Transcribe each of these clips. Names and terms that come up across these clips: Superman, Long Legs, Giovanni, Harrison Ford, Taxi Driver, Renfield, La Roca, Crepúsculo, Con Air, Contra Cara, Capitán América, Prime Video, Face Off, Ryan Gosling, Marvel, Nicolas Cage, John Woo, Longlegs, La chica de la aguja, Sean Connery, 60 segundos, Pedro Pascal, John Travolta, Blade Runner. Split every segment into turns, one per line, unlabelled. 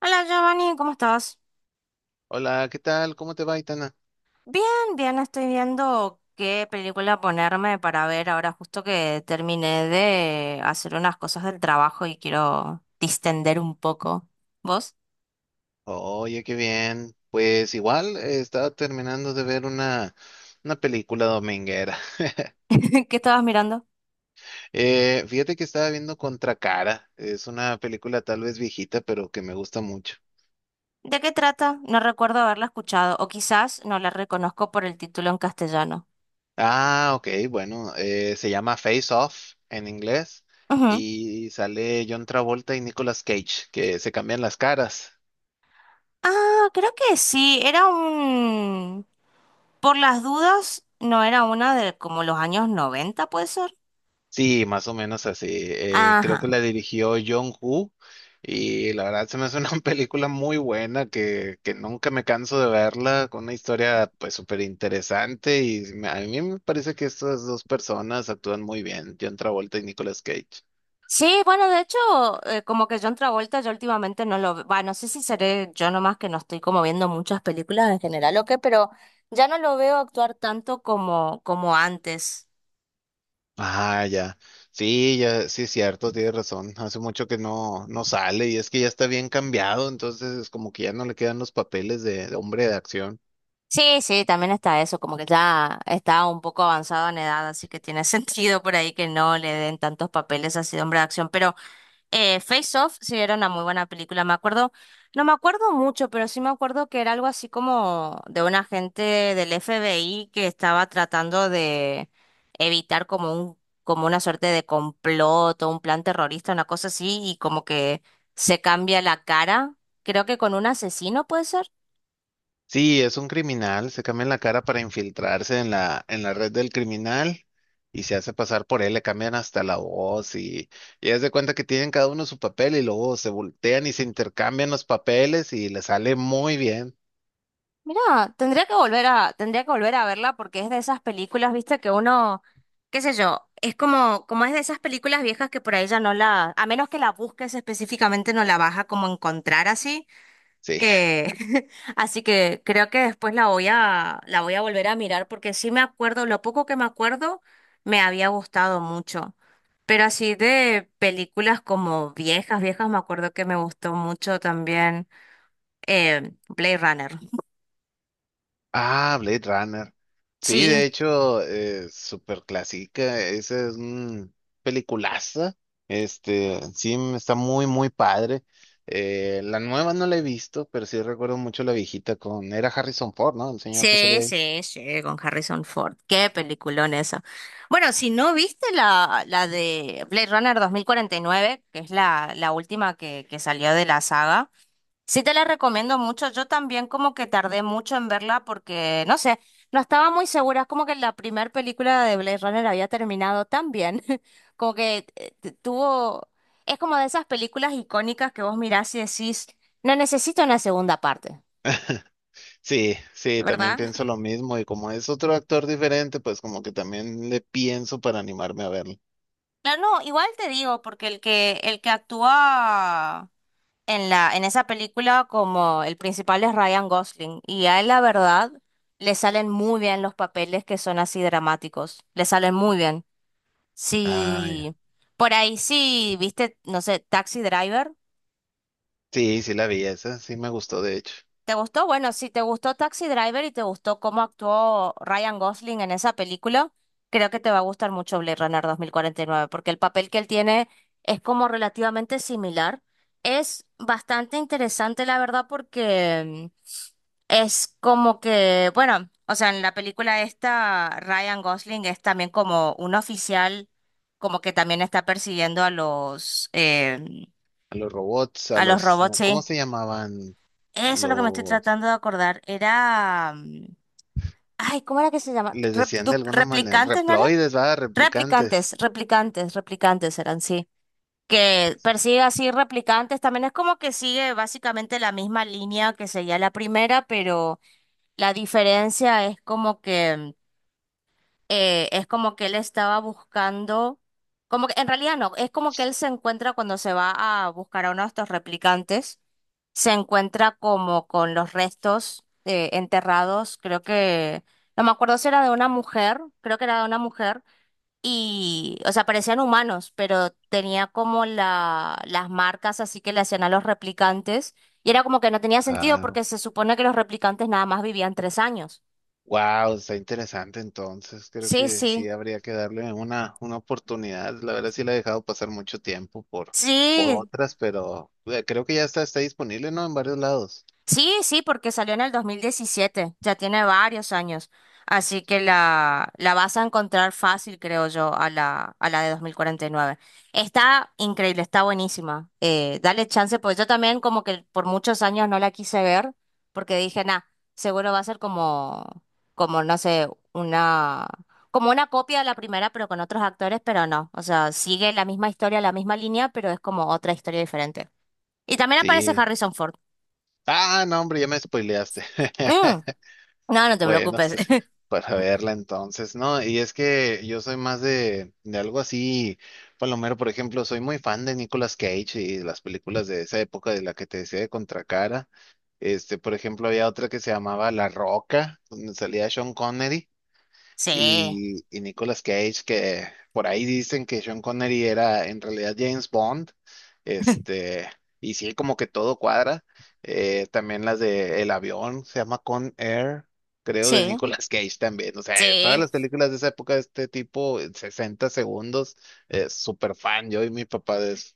Hola Giovanni, ¿cómo estás?
Hola, ¿qué tal? ¿Cómo te va, Itana?
Bien, bien, estoy viendo qué película ponerme para ver ahora justo que terminé de hacer unas cosas del trabajo y quiero distender un poco. ¿Vos?
Oye, qué bien. Pues igual estaba terminando de ver una película dominguera.
¿Qué estabas mirando?
Fíjate que estaba viendo Contra Cara. Es una película tal vez viejita, pero que me gusta mucho.
¿De qué trata? No recuerdo haberla escuchado o quizás no la reconozco por el título en castellano.
Ah, ok, bueno, se llama Face Off en inglés
Ujú.
y sale John Travolta y Nicolas Cage, que se cambian las caras.
Ah, creo que sí, era un... Por las dudas, no era una de como los años 90, ¿puede ser?
Sí, más o menos así. Creo
Ajá.
que la dirigió John Woo y la verdad se me hace una película muy buena que nunca me canso de verla, con una historia pues súper interesante y a mí me parece que estas dos personas actúan muy bien, John Travolta y Nicolas Cage.
Sí, bueno, de hecho, como que John Travolta yo últimamente no lo veo, no sé si seré yo nomás que no estoy como viendo muchas películas en general o qué, pero ya no lo veo actuar tanto como antes.
Ah, ya. Sí, ya, sí es cierto, tienes razón. Hace mucho que no sale y es que ya está bien cambiado, entonces como que ya no le quedan los papeles de hombre de acción.
Sí, sí, también está eso, como que ya está un poco avanzado en edad, así que tiene sentido por ahí que no le den tantos papeles así de hombre de acción, pero Face Off sí era una muy buena película, me acuerdo, no me acuerdo mucho, pero sí me acuerdo que era algo así como de un agente del FBI que estaba tratando de evitar como una suerte de complot o un plan terrorista, una cosa así, y como que se cambia la cara, creo que con un asesino, ¿puede ser?
Sí, es un criminal, se cambia la cara para infiltrarse en en la red del criminal y se hace pasar por él, le cambian hasta la voz y haz de cuenta que tienen cada uno su papel y luego se voltean y se intercambian los papeles y le sale muy bien.
Mira, tendría que volver a verla porque es de esas películas, viste, que uno, qué sé yo, es como, como es de esas películas viejas que por ahí ya no la, a menos que la busques específicamente, no la vas a como encontrar así.
Sí.
Eh, así que creo que después la voy a volver a mirar porque sí me acuerdo, lo poco que me acuerdo me había gustado mucho. Pero así de películas como viejas, viejas, me acuerdo que me gustó mucho también Blade Runner.
Ah, Blade Runner. Sí,
Sí.
de hecho, súper clásica. Esa es un peliculaza. Este, sí, está muy, muy padre. La nueva no la he visto, pero sí recuerdo mucho la viejita con... Era Harrison Ford, ¿no? El señor que
Sí,
salía ahí.
sí, sí, con Harrison Ford. Qué peliculón eso. Bueno, si no viste la de Blade Runner 2049, que es la última que salió de la saga, sí te la recomiendo mucho. Yo también como que tardé mucho en verla porque, no sé, no estaba muy segura. Es como que la primera película de Blade Runner había terminado tan bien. Como que tuvo... Es como de esas películas icónicas que vos mirás y decís, no necesito una segunda parte,
Sí, sí, también
¿verdad?
pienso lo mismo. Y como es otro actor diferente, pues como que también le pienso para animarme a verlo.
Claro, no, igual te digo, porque el que actúa en esa película como el principal es Ryan Gosling, y a él la verdad le salen muy bien los papeles que son así dramáticos, le salen muy bien.
Ah, ya.
Sí, por ahí sí, viste, no sé, Taxi Driver.
Sí, sí la vi esa. Sí me gustó, de hecho.
¿Te gustó? Bueno, si te gustó Taxi Driver y te gustó cómo actuó Ryan Gosling en esa película, creo que te va a gustar mucho Blade Runner 2049, porque el papel que él tiene es como relativamente similar. Es bastante interesante, la verdad, porque es como que, bueno, o sea, en la película esta, Ryan Gosling es también como un oficial, como que también está persiguiendo a
A los robots, a
a los
los...
robots,
no, ¿cómo
sí.
se llamaban?
Eso es lo que me estoy
Los...
tratando de acordar. Ay, ¿cómo era que se llama?
Les decían de alguna manera,
¿Replicantes, no era?
reploides, va, replicantes.
Replicantes, replicantes, replicantes eran, sí. Que persigue así replicantes, también es como que sigue básicamente la misma línea que seguía la primera, pero la diferencia es como que él estaba buscando, como que en realidad no, es como que él se encuentra cuando se va a buscar a uno de estos replicantes, se encuentra como con los restos enterrados, creo que, no me acuerdo si era de una mujer, creo que era de una mujer, y, o sea, parecían humanos, pero tenía como las marcas así que le hacían a los replicantes, y era como que no tenía sentido
Ah,
porque se supone que los replicantes nada más vivían 3 años.
wow, está interesante entonces. Creo
Sí,
que sí
sí.
habría que darle una oportunidad. La verdad sí la he dejado pasar mucho tiempo por
Sí,
otras, pero creo que ya está disponible, ¿no? En varios lados.
sí, sí, porque salió en el 2017, ya tiene varios años, así que la vas a encontrar fácil, creo yo, a a la de 2049. Está increíble, está buenísima. Dale chance, pues yo también como que por muchos años no la quise ver, porque dije, nah, seguro va a ser como, como, no sé, una, como una copia de la primera, pero con otros actores, pero no, o sea, sigue la misma historia, la misma línea, pero es como otra historia diferente. Y también aparece
Sí.
Harrison Ford.
Ah, no, hombre, ya me spoileaste.
Mm. No, no te
Bueno,
preocupes.
pues, para verla entonces, ¿no? Y es que yo soy más de algo así, Palomero, por ejemplo, soy muy fan de Nicolas Cage y las películas de esa época de la que te decía de Contracara. Este, por ejemplo, había otra que se llamaba La Roca, donde salía Sean Connery
Sí,
y Nicolas Cage, que por ahí dicen que Sean Connery era en realidad James Bond, este, y sí, como que todo cuadra. También las de El avión, se llama Con Air, creo, de
sí,
Nicolas Cage también. O sea, en todas
sí.
las películas de esa época de este tipo, en 60 segundos, súper fan, yo y mi papá de eso.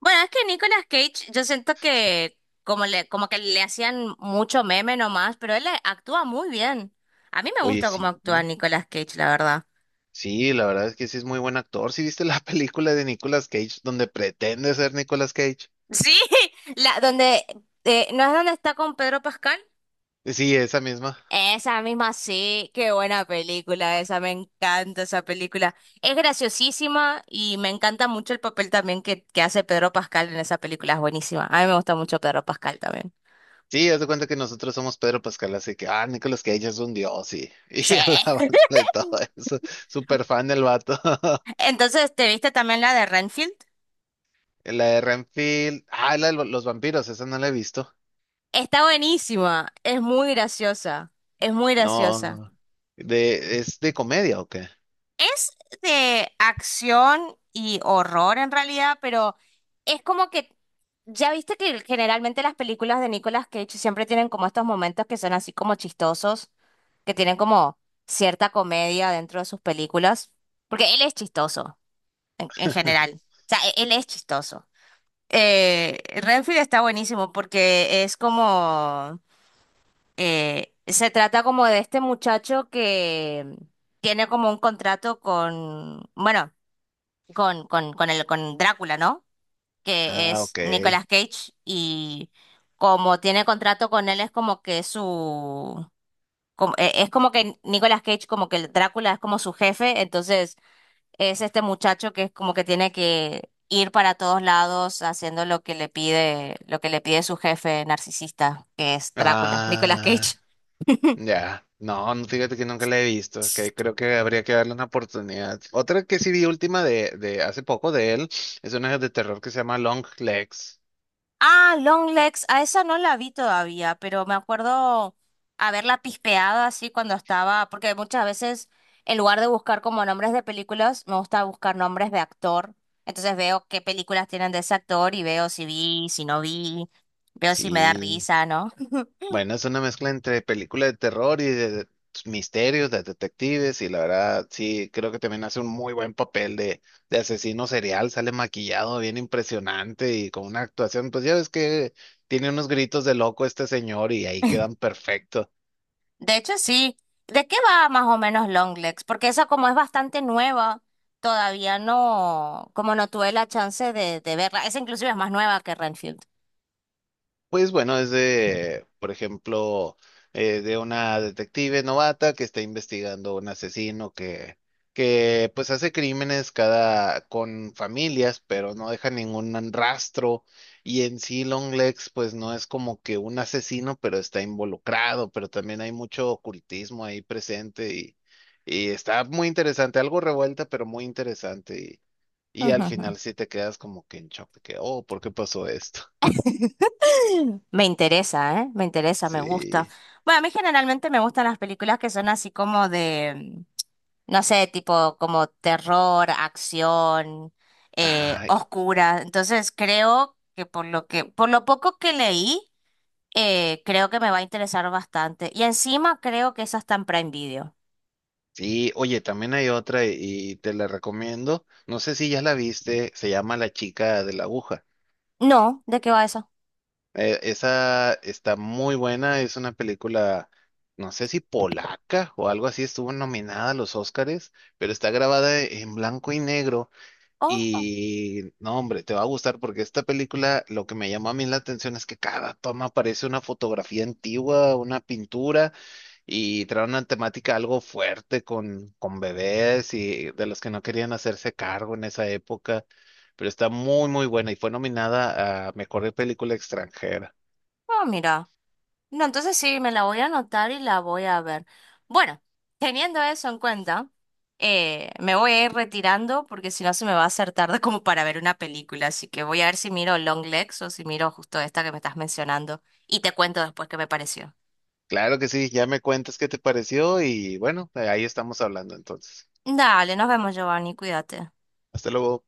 Bueno, es que Nicolas Cage, yo siento que como le, como que le hacían mucho meme nomás, pero él actúa muy bien. A mí me
Oye,
gusta cómo
sí.
actúa Nicolas Cage, la verdad.
Sí, la verdad es que sí es muy buen actor. ¿Sí viste la película de Nicolas Cage donde pretende ser Nicolas Cage?
Sí, la donde ¿no es donde está con Pedro Pascal?
Sí, esa misma.
Esa misma sí, qué buena película esa, me encanta esa película. Es graciosísima y me encanta mucho el papel también que hace Pedro Pascal en esa película, es buenísima. A mí me gusta mucho Pedro Pascal también.
Sí, haz de cuenta que nosotros somos Pedro Pascal, así que, ah, Nicolas Cage es un dios, y,
Sí.
y alaban de todo eso. Súper fan del vato.
Entonces, ¿te viste también la de Renfield?
La de Renfield, ah, la de los vampiros, esa no la he visto.
Está buenísima, es muy graciosa, es muy graciosa.
No, de, ¿es de comedia o qué?
Es de acción y horror en realidad, pero es como que, ya viste que generalmente las películas de Nicolas Cage siempre tienen como estos momentos que son así como chistosos, que tienen como cierta comedia dentro de sus películas, porque él es chistoso en general, o sea, él es chistoso. Renfield está buenísimo porque es como, se trata como de este muchacho que tiene como un contrato con, bueno, con el, con Drácula, ¿no? Que
Ah,
es
ok.
Nicolas Cage y como tiene contrato con él es como que su, es como que Nicolas Cage como que el Drácula es como su jefe, entonces es este muchacho que es como que tiene que ir para todos lados haciendo lo que le pide, lo que le pide su jefe narcisista, que es Drácula, Nicolas
Ah,
Cage.
ya. No, no, fíjate que nunca la he visto, que creo que habría que darle una oportunidad. Otra que sí vi última de hace poco de él, es una de terror que se llama Long Legs.
Ah, Longlegs, a esa no la vi todavía, pero me acuerdo haberla pispeado así cuando estaba, porque muchas veces en lugar de buscar como nombres de películas, me gusta buscar nombres de actor. Entonces veo qué películas tienen de ese actor y veo si vi, si no vi, veo si me da
Sí.
risa, ¿no?
Bueno, es una mezcla entre película de terror y de misterios, de detectives, y la verdad, sí, creo que también hace un muy buen papel de asesino serial, sale maquillado, bien impresionante y con una actuación, pues ya ves que tiene unos gritos de loco este señor y ahí quedan perfectos.
De hecho, sí. ¿De qué va más o menos Longlegs? Porque esa como es bastante nueva, todavía no, como no tuve la chance de verla. Esa inclusive es más nueva que Renfield.
Pues bueno, es de, por ejemplo, de una detective novata que está investigando un asesino que pues hace crímenes cada con familias, pero no deja ningún rastro. Y en sí Longlegs, pues no es como que un asesino, pero está involucrado, pero también hay mucho ocultismo ahí presente y está muy interesante, algo revuelta, pero muy interesante. Y al final sí te quedas como que en shock, de que, oh, ¿por qué pasó esto?
Me interesa, ¿eh? Me interesa, me gusta.
Sí.
Bueno, a mí generalmente me gustan las películas que son así como de, no sé, tipo como terror, acción,
Ay,
oscura. Entonces creo que, por lo poco que leí, creo que me va a interesar bastante. Y encima creo que esa está en Prime Video.
sí, oye, también hay otra y te la recomiendo. No sé si ya la viste, se llama La chica de la aguja.
No, ¿de qué va eso?
Esa está muy buena, es una película, no sé si polaca o algo así, estuvo nominada a los Óscares, pero está grabada en blanco y negro
Oh, oh,
y no, hombre, te va a gustar porque esta película lo que me llamó a mí la atención es que cada toma parece una fotografía antigua, una pintura. Y trae una temática algo fuerte con bebés y de los que no querían hacerse cargo en esa época, pero está muy, muy buena y fue nominada a Mejor Película Extranjera.
oh, mira. No, entonces sí, me la voy a anotar y la voy a ver. Bueno, teniendo eso en cuenta, me voy a ir retirando porque si no se me va a hacer tarde como para ver una película. Así que voy a ver si miro Long Legs o si miro justo esta que me estás mencionando. Y te cuento después qué me pareció.
Claro que sí, ya me cuentas qué te pareció y bueno, ahí estamos hablando entonces.
Dale, nos vemos, Giovanni, cuídate.
Hasta luego.